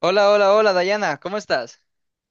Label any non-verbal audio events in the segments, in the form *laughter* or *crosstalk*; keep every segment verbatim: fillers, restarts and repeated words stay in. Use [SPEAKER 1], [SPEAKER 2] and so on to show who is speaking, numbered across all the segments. [SPEAKER 1] Hola, hola, hola, Dayana, ¿cómo estás?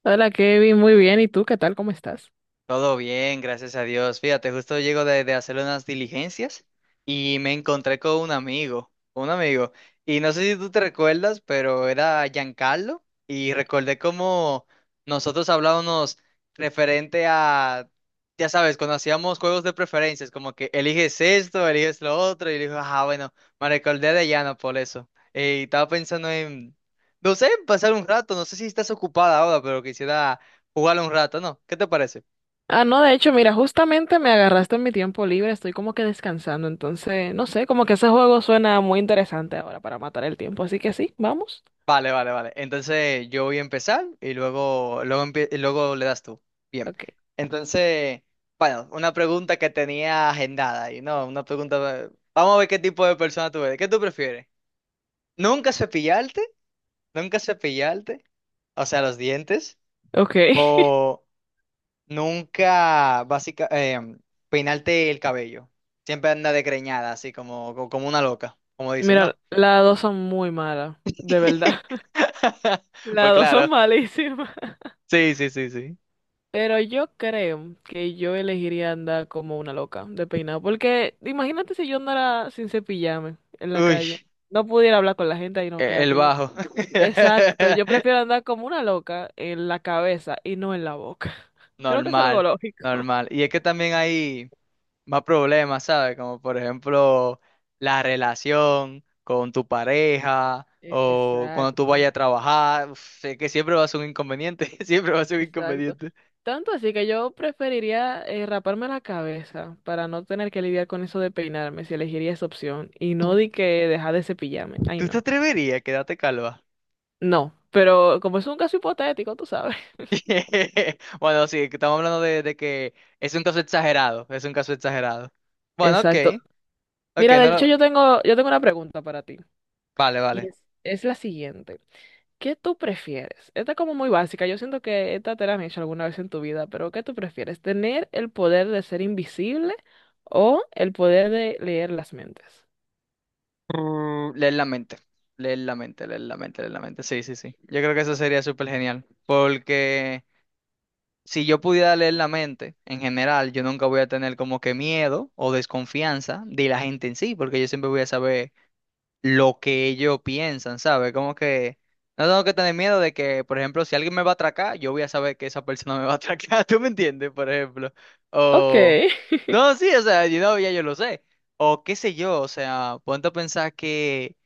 [SPEAKER 2] Hola Kevin, muy bien. ¿Y tú qué tal? ¿Cómo estás?
[SPEAKER 1] Todo bien, gracias a Dios. Fíjate, justo llego de, de hacer unas diligencias y me encontré con un amigo, un amigo. Y no sé si tú te recuerdas, pero era Giancarlo y recordé cómo nosotros hablábamos referente a, ya sabes, cuando hacíamos juegos de preferencias, como que eliges esto, eliges lo otro, y dijo, ah, bueno, me recordé de Llano por eso. Y estaba pensando en, no sé, pasar un rato, no sé si estás ocupada ahora, pero quisiera jugar un rato, ¿no? ¿Qué te parece?
[SPEAKER 2] Ah, no, de hecho, mira, justamente me agarraste en mi tiempo libre, estoy como que descansando, entonces, no sé, como que ese juego suena muy interesante ahora para matar el tiempo, así que sí, vamos.
[SPEAKER 1] Vale, vale, vale. Entonces yo voy a empezar y luego, luego, empie- y luego le das tú. Bien.
[SPEAKER 2] Ok.
[SPEAKER 1] Entonces, bueno, una pregunta que tenía agendada y no, una pregunta. Vamos a ver qué tipo de persona tú eres. ¿Qué tú prefieres? ¿Nunca cepillarte? ¿Nunca cepillarte? O sea, los dientes.
[SPEAKER 2] Ok. *laughs*
[SPEAKER 1] ¿O nunca, básica, em, peinarte el cabello? Siempre anda desgreñada, así como, co- como una loca, como dicen,
[SPEAKER 2] Mira,
[SPEAKER 1] ¿no?
[SPEAKER 2] las dos son muy malas, de verdad. *laughs*
[SPEAKER 1] *laughs* Pues
[SPEAKER 2] Las dos
[SPEAKER 1] claro.
[SPEAKER 2] son malísimas. *laughs*
[SPEAKER 1] Sí, sí, sí, sí.
[SPEAKER 2] Pero yo creo que yo elegiría andar como una loca de peinado, porque imagínate si yo andara sin cepillarme en la
[SPEAKER 1] Uy.
[SPEAKER 2] calle, no pudiera hablar con la gente y no
[SPEAKER 1] E-
[SPEAKER 2] queda
[SPEAKER 1] El
[SPEAKER 2] que
[SPEAKER 1] bajo.
[SPEAKER 2] exacto, yo prefiero
[SPEAKER 1] *laughs*
[SPEAKER 2] andar como una loca en la cabeza y no en la boca. *laughs* Creo que es algo
[SPEAKER 1] Normal,
[SPEAKER 2] lógico.
[SPEAKER 1] normal. Y es que también hay más problemas, ¿sabes? Como por ejemplo la relación con tu pareja o cuando tú
[SPEAKER 2] Exacto,
[SPEAKER 1] vayas a trabajar. Uf, sé que siempre va a ser un inconveniente, *laughs* siempre va a ser un
[SPEAKER 2] exacto.
[SPEAKER 1] inconveniente.
[SPEAKER 2] Tanto así que yo preferiría eh, raparme la cabeza para no tener que lidiar con eso de peinarme, si elegiría esa opción, y no
[SPEAKER 1] ¿Tú,
[SPEAKER 2] di que dejar de cepillarme. Ay,
[SPEAKER 1] tú te
[SPEAKER 2] no.
[SPEAKER 1] atreverías a quedarte calva?
[SPEAKER 2] No, pero como es un caso hipotético, tú sabes. *laughs*
[SPEAKER 1] *laughs* Bueno, sí, que estamos hablando de, de que es un caso exagerado, es un caso exagerado. Bueno, ok,
[SPEAKER 2] Exacto.
[SPEAKER 1] ok,
[SPEAKER 2] Mira, de
[SPEAKER 1] no
[SPEAKER 2] hecho
[SPEAKER 1] lo...
[SPEAKER 2] yo tengo, yo tengo una pregunta para ti,
[SPEAKER 1] Vale, vale.
[SPEAKER 2] y es, es la siguiente. ¿Qué tú prefieres? Esta es como muy básica. Yo siento que esta te la han hecho alguna vez en tu vida, pero ¿qué tú prefieres? ¿Tener el poder de ser invisible o el poder de leer las mentes?
[SPEAKER 1] Uh, leer la mente, leer la mente, leer la mente, leer la mente. Sí, sí, sí. Yo creo que eso sería súper genial. Porque si yo pudiera leer la mente, en general, yo nunca voy a tener como que miedo o desconfianza de la gente en sí, porque yo siempre voy a saber lo que ellos piensan, ¿sabes? Como que no tengo que tener miedo de que, por ejemplo, si alguien me va a atracar, yo voy a saber que esa persona me va a atracar. *laughs* ¿Tú me entiendes? Por ejemplo.
[SPEAKER 2] Ok,
[SPEAKER 1] O...
[SPEAKER 2] *laughs*
[SPEAKER 1] No, sí, o sea, yo, no, ya yo lo sé. O qué sé yo, o sea, ponte a pensar que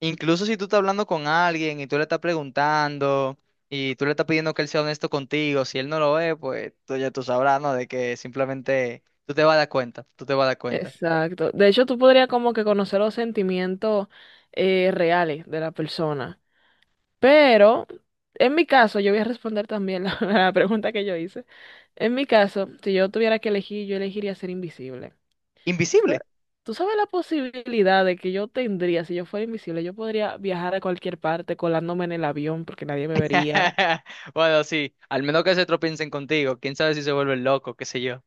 [SPEAKER 1] incluso si tú estás hablando con alguien y tú le estás preguntando y tú le estás pidiendo que él sea honesto contigo, si él no lo es, pues tú ya tú sabrás, ¿no? De que simplemente tú te vas a dar cuenta, tú te vas a dar cuenta.
[SPEAKER 2] exacto. De hecho, tú podrías como que conocer los sentimientos eh, reales de la persona. Pero, en mi caso, yo voy a responder también la, *laughs* la pregunta que yo hice. En mi caso, si yo tuviera que elegir, yo elegiría ser invisible. ¿Tú
[SPEAKER 1] Invisible.
[SPEAKER 2] sa- ¿Tú sabes la posibilidad de que yo tendría, si yo fuera invisible, yo podría viajar a cualquier parte colándome en el avión porque nadie me vería?
[SPEAKER 1] *laughs* Bueno, sí, al menos que se tropiecen contigo, quién sabe si se vuelve loco, qué sé yo.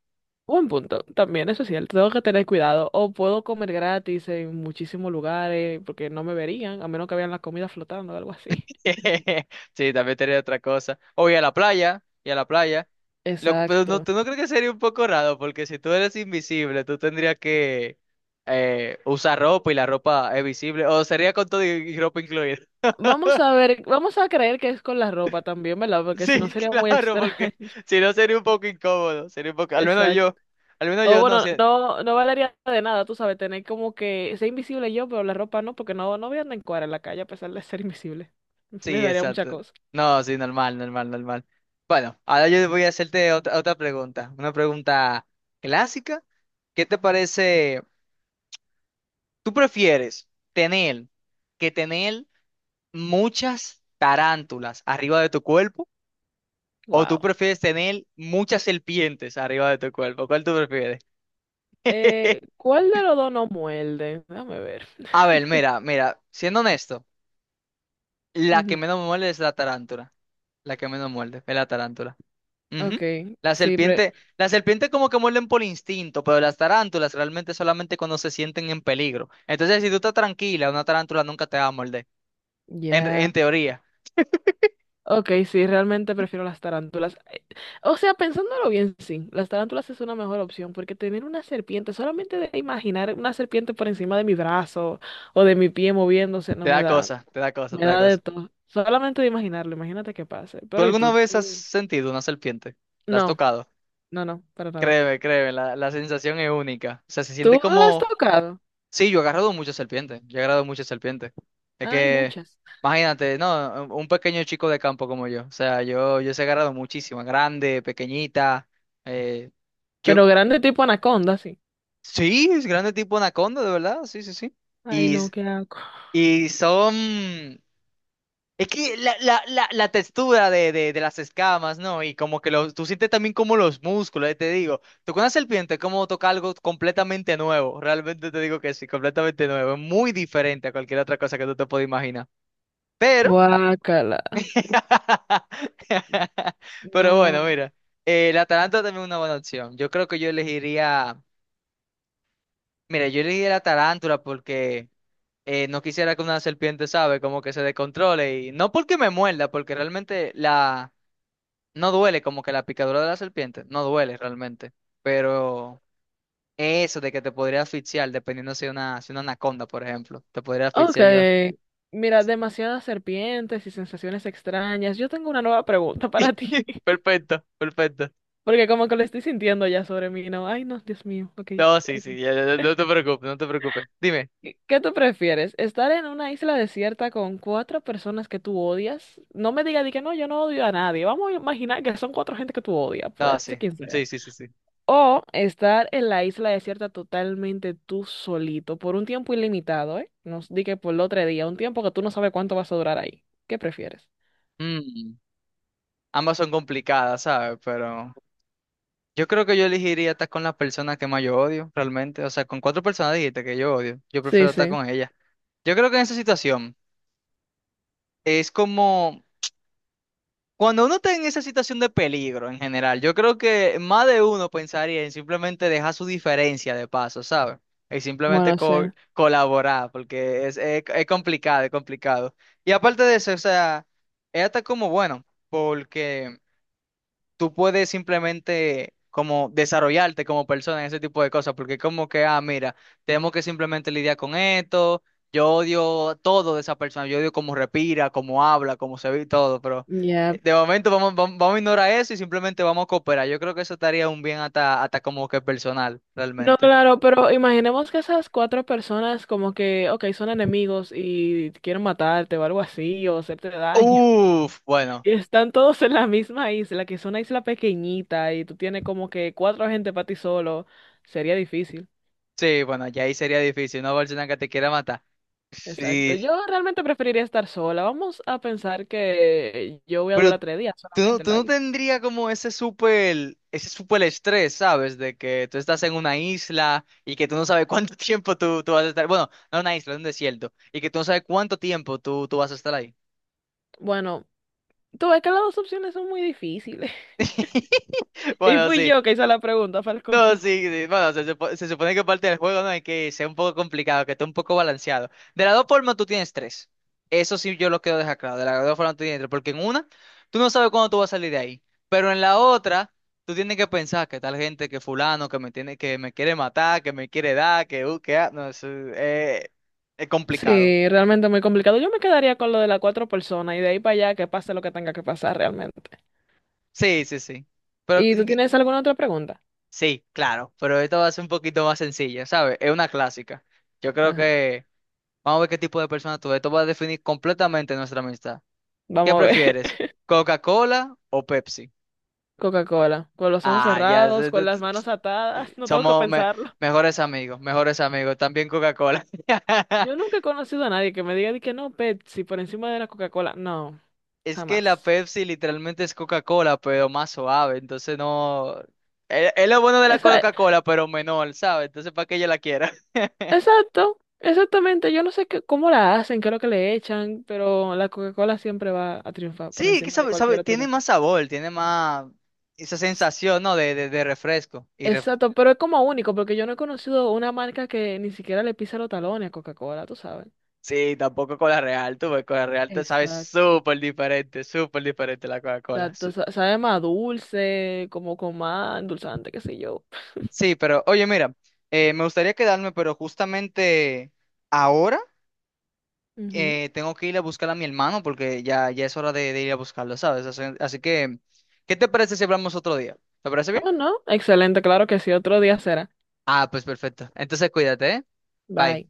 [SPEAKER 2] Buen punto, también eso es cierto, tengo que tener cuidado. O puedo comer gratis en muchísimos lugares porque no me verían, a menos que vean la comida flotando o algo así.
[SPEAKER 1] *laughs* Sí, también tenía otra cosa. O y a la playa, y a la playa. Lo que- pero no,
[SPEAKER 2] Exacto.
[SPEAKER 1] ¿tú no crees que sería un poco raro? Porque si tú eres invisible, tú tendrías que eh, usar ropa y la ropa es visible. O sería con todo y, y ropa incluida. *laughs*
[SPEAKER 2] Vamos a ver, vamos a creer que es con la ropa también, ¿verdad? Porque si
[SPEAKER 1] Sí,
[SPEAKER 2] no sería muy
[SPEAKER 1] claro,
[SPEAKER 2] extraño.
[SPEAKER 1] porque
[SPEAKER 2] *laughs*
[SPEAKER 1] si no sería un poco incómodo. Sería un poco, al menos
[SPEAKER 2] Exacto.
[SPEAKER 1] yo, al menos
[SPEAKER 2] O
[SPEAKER 1] yo no
[SPEAKER 2] bueno,
[SPEAKER 1] sé.
[SPEAKER 2] no, no valería de nada, tú sabes, tener como que ser invisible yo, pero la ropa no, porque no, no voy a andar en cuadra en la calle a pesar de ser invisible. *laughs* Me
[SPEAKER 1] Sí,
[SPEAKER 2] daría mucha
[SPEAKER 1] exacto.
[SPEAKER 2] cosa.
[SPEAKER 1] No, sí, normal, normal, normal. Bueno, ahora yo voy a hacerte otra, otra pregunta. Una pregunta clásica. ¿Qué te parece? ¿Tú prefieres tener que tener muchas tarántulas arriba de tu cuerpo o tú
[SPEAKER 2] Wow.
[SPEAKER 1] prefieres tener muchas serpientes arriba de tu cuerpo? ¿Cuál tú prefieres? *laughs*
[SPEAKER 2] Eh, ¿cuál de los dos no muerde? Déjame ver.
[SPEAKER 1] A ver, mira, mira, siendo honesto,
[SPEAKER 2] *laughs*
[SPEAKER 1] la que
[SPEAKER 2] Ujú.
[SPEAKER 1] menos me muerde es la tarántula. La que menos muerde es la tarántula.
[SPEAKER 2] Ok,
[SPEAKER 1] Ujú. La
[SPEAKER 2] sí, pre-
[SPEAKER 1] serpiente, la serpiente como que muerden por instinto, pero las tarántulas realmente solamente cuando se sienten en peligro. Entonces, si tú estás tranquila, una tarántula nunca te va a morder. En,
[SPEAKER 2] ya.
[SPEAKER 1] en teoría,
[SPEAKER 2] Okay, sí, realmente prefiero las tarántulas. Eh, O sea, pensándolo bien, sí, las tarántulas es una mejor opción, porque tener una serpiente, solamente de imaginar una serpiente por encima de mi brazo o de mi pie moviéndose,
[SPEAKER 1] te
[SPEAKER 2] no me
[SPEAKER 1] da
[SPEAKER 2] da,
[SPEAKER 1] cosa, te da cosa,
[SPEAKER 2] me
[SPEAKER 1] te da
[SPEAKER 2] da de
[SPEAKER 1] cosa.
[SPEAKER 2] todo. Solamente de imaginarlo, imagínate qué pase.
[SPEAKER 1] ¿Tú
[SPEAKER 2] Pero ¿y
[SPEAKER 1] alguna
[SPEAKER 2] tú?
[SPEAKER 1] vez has
[SPEAKER 2] Tú-
[SPEAKER 1] sentido una serpiente? ¿La has
[SPEAKER 2] No,
[SPEAKER 1] tocado?
[SPEAKER 2] no, no, para nada.
[SPEAKER 1] Créeme, créeme, la, la sensación es única. O sea, se siente
[SPEAKER 2] ¿Tú la has
[SPEAKER 1] como...
[SPEAKER 2] tocado?
[SPEAKER 1] Sí, yo he agarrado muchas serpientes, yo he agarrado muchas serpientes. Es
[SPEAKER 2] Hay
[SPEAKER 1] que,
[SPEAKER 2] muchas.
[SPEAKER 1] imagínate, no, un pequeño chico de campo como yo. O sea, yo, yo se he agarrado muchísimas, grande, pequeñita. eh,
[SPEAKER 2] Pero
[SPEAKER 1] yo,
[SPEAKER 2] grande tipo anaconda, sí.
[SPEAKER 1] sí, es grande tipo anaconda, de verdad, sí, sí, sí.
[SPEAKER 2] Ay,
[SPEAKER 1] Y,
[SPEAKER 2] no, qué asco.
[SPEAKER 1] y son... Es que la, la, la, la textura de, de, de las escamas, ¿no? Y como que los, tú sientes también como los músculos, eh, te digo. Tocar una serpiente es como tocar algo completamente nuevo. Realmente te digo que sí, completamente nuevo. Es muy diferente a cualquier otra cosa que tú te puedas imaginar. Pero,
[SPEAKER 2] Guácala.
[SPEAKER 1] *laughs* pero bueno,
[SPEAKER 2] No.
[SPEAKER 1] mira. Eh, la tarántula también es una buena opción. Yo creo que yo elegiría, mira, yo elegiría la tarántula porque eh, no quisiera que una serpiente, ¿sabe? Como que se descontrole. Y no porque me muerda, porque realmente la... No duele como que la picadura de la serpiente, no duele realmente, pero eso de que te podría asfixiar, dependiendo si una, si una anaconda, por ejemplo, te podría
[SPEAKER 2] Ok.
[SPEAKER 1] asfixiar yo.
[SPEAKER 2] Mira, demasiadas serpientes y sensaciones extrañas. Yo tengo una nueva pregunta para ti. *laughs*
[SPEAKER 1] Perfecto, perfecto.
[SPEAKER 2] Porque como que lo estoy sintiendo ya sobre mí, ¿no? Ay, no, Dios mío. Ok.
[SPEAKER 1] No, sí,
[SPEAKER 2] Ok.
[SPEAKER 1] sí, ya, ya, ya, no te preocupes, no te preocupes. Dime.
[SPEAKER 2] ¿Qué qué tú prefieres? ¿Estar en una isla desierta con cuatro personas que tú odias? No me digas di que no, yo no odio a nadie. Vamos a imaginar que son cuatro gente que tú odias,
[SPEAKER 1] No,
[SPEAKER 2] puede ser
[SPEAKER 1] sí,
[SPEAKER 2] quien
[SPEAKER 1] sí,
[SPEAKER 2] sea.
[SPEAKER 1] sí, sí, sí.
[SPEAKER 2] O estar en la isla desierta totalmente tú solito por un tiempo ilimitado, ¿eh? No di que por el otro día, un tiempo que tú no sabes cuánto vas a durar ahí. ¿Qué prefieres?
[SPEAKER 1] Mm, ambas son complicadas, ¿sabes? Pero yo creo que yo elegiría estar con las personas que más yo odio, realmente. O sea, con cuatro personas dijiste que yo odio, yo
[SPEAKER 2] Sí,
[SPEAKER 1] prefiero estar
[SPEAKER 2] sí.
[SPEAKER 1] con ellas. Yo creo que en esa situación es como... Cuando uno está en esa situación de peligro en general, yo creo que más de uno pensaría en simplemente dejar su diferencia de paso, ¿sabes? Y simplemente
[SPEAKER 2] Bueno, sí.
[SPEAKER 1] co- colaborar, porque es, es, es complicado, es complicado. Y aparte de eso, o sea, es hasta como bueno, porque tú puedes simplemente como desarrollarte como persona en ese tipo de cosas, porque como que, ah, mira, tenemos que simplemente lidiar con esto, yo odio todo de esa persona, yo odio cómo respira, cómo habla, cómo se ve y todo, pero
[SPEAKER 2] Ya.
[SPEAKER 1] eh, de momento vamos, vamos, vamos a ignorar eso y simplemente vamos a cooperar. Yo creo que eso estaría un bien hasta, hasta como que personal,
[SPEAKER 2] No,
[SPEAKER 1] realmente.
[SPEAKER 2] claro, pero imaginemos que esas cuatro personas como que, ok, son enemigos y quieren matarte o algo así o hacerte daño.
[SPEAKER 1] Uf, bueno,
[SPEAKER 2] Están todos en la misma isla, que es una isla pequeñita y tú tienes como que cuatro gente para ti solo. Sería difícil.
[SPEAKER 1] sí, bueno, ya ahí sería difícil, una persona que te quiera matar.
[SPEAKER 2] Exacto.
[SPEAKER 1] Sí.
[SPEAKER 2] Yo realmente preferiría estar sola. Vamos a pensar que yo voy a
[SPEAKER 1] pero
[SPEAKER 2] durar tres días
[SPEAKER 1] Tú no,
[SPEAKER 2] solamente en
[SPEAKER 1] tú
[SPEAKER 2] la
[SPEAKER 1] no
[SPEAKER 2] isla.
[SPEAKER 1] tendría como ese súper, ese súper estrés, ¿sabes? De que tú estás en una isla y que tú no sabes cuánto *laughs* tiempo tú, tú vas a estar. Bueno, no una isla, es un desierto. Y que tú no sabes cuánto tiempo tú, tú vas a estar ahí.
[SPEAKER 2] Bueno, tú ves que las dos opciones son muy difíciles. *laughs*
[SPEAKER 1] *laughs*
[SPEAKER 2] Y
[SPEAKER 1] Bueno,
[SPEAKER 2] fui
[SPEAKER 1] sí.
[SPEAKER 2] yo que hice la pregunta, para el colmo.
[SPEAKER 1] No, sí, sí, bueno, se, supo- se supone que parte del juego no hay que sea un poco complicado, que esté un poco balanceado. De las dos formas tú tienes tres. Eso sí yo lo quiero dejar claro. De las dos formas tú tienes tres, porque en una tú no sabes cuándo tú vas a salir de ahí, pero en la otra tú tienes que pensar que tal gente, que fulano, que me tiene, que me quiere matar, que me quiere dar, que uh, que ah, no, eso, eh, es
[SPEAKER 2] *laughs*
[SPEAKER 1] complicado.
[SPEAKER 2] Sí, realmente muy complicado. Yo me quedaría con lo de las cuatro personas y de ahí para allá que pase lo que tenga que pasar realmente.
[SPEAKER 1] Sí, sí, sí. Pero
[SPEAKER 2] ¿Y tú
[SPEAKER 1] eh,
[SPEAKER 2] tienes alguna otra pregunta?
[SPEAKER 1] sí, claro. Pero esto va a ser un poquito más sencilla, ¿sabes? Es una clásica. Yo creo
[SPEAKER 2] Ajá.
[SPEAKER 1] que Vamos a ver qué tipo de persona tú eres. Esto va a definir completamente nuestra amistad. ¿Qué
[SPEAKER 2] Vamos a ver.
[SPEAKER 1] prefieres? ¿Coca-Cola o Pepsi?
[SPEAKER 2] Coca-Cola, con los ojos
[SPEAKER 1] Ah, ya.
[SPEAKER 2] cerrados,
[SPEAKER 1] se- tu-
[SPEAKER 2] con las
[SPEAKER 1] tu-
[SPEAKER 2] manos atadas, *laughs* no tengo que
[SPEAKER 1] Somos me-
[SPEAKER 2] pensarlo.
[SPEAKER 1] mejores amigos, mejores amigos. También Coca-Cola. *laughs*
[SPEAKER 2] Yo nunca he conocido a nadie que me diga de que no, Pepsi por encima de la Coca-Cola. No,
[SPEAKER 1] Es que la
[SPEAKER 2] jamás.
[SPEAKER 1] Pepsi literalmente es Coca-Cola, pero más suave. Entonces no... Es es lo bueno de la
[SPEAKER 2] Esa,
[SPEAKER 1] Coca-Cola, pero menor, ¿sabes? Entonces, ¿para que ella la quiera? *laughs*
[SPEAKER 2] exacto, exactamente. Yo no sé qué, cómo la hacen, qué es lo que le echan, pero la Coca-Cola siempre va a triunfar por
[SPEAKER 1] Sí, que
[SPEAKER 2] encima de
[SPEAKER 1] sabe, sabe,
[SPEAKER 2] cualquier otro
[SPEAKER 1] tiene más
[SPEAKER 2] refresco.
[SPEAKER 1] sabor, tiene más esa sensación, ¿no? De, de, de refresco. Y ref-
[SPEAKER 2] Exacto, pero es como único, porque yo no he conocido una marca que ni siquiera le pisa los talones a Coca-Cola, tú sabes.
[SPEAKER 1] sí, tampoco Cola Real, tú, porque Cola Real te sabe
[SPEAKER 2] Exacto.
[SPEAKER 1] súper diferente, súper diferente la Coca-Cola.
[SPEAKER 2] Exacto,
[SPEAKER 1] Su-
[SPEAKER 2] sa- sabe más dulce, como con más endulzante, qué sé yo.
[SPEAKER 1] Sí, pero oye, mira, eh, me gustaría quedarme, pero justamente ahora
[SPEAKER 2] Ujú.
[SPEAKER 1] eh, tengo que ir a buscar a mi hermano porque ya, ya es hora de, de ir a buscarlo, ¿sabes? Así, así que, ¿qué te parece si hablamos otro día? ¿Te parece bien?
[SPEAKER 2] Oh, no. Excelente, claro que sí. Otro día será.
[SPEAKER 1] Ah, pues perfecto. Entonces cuídate, ¿eh? Bye.
[SPEAKER 2] Bye.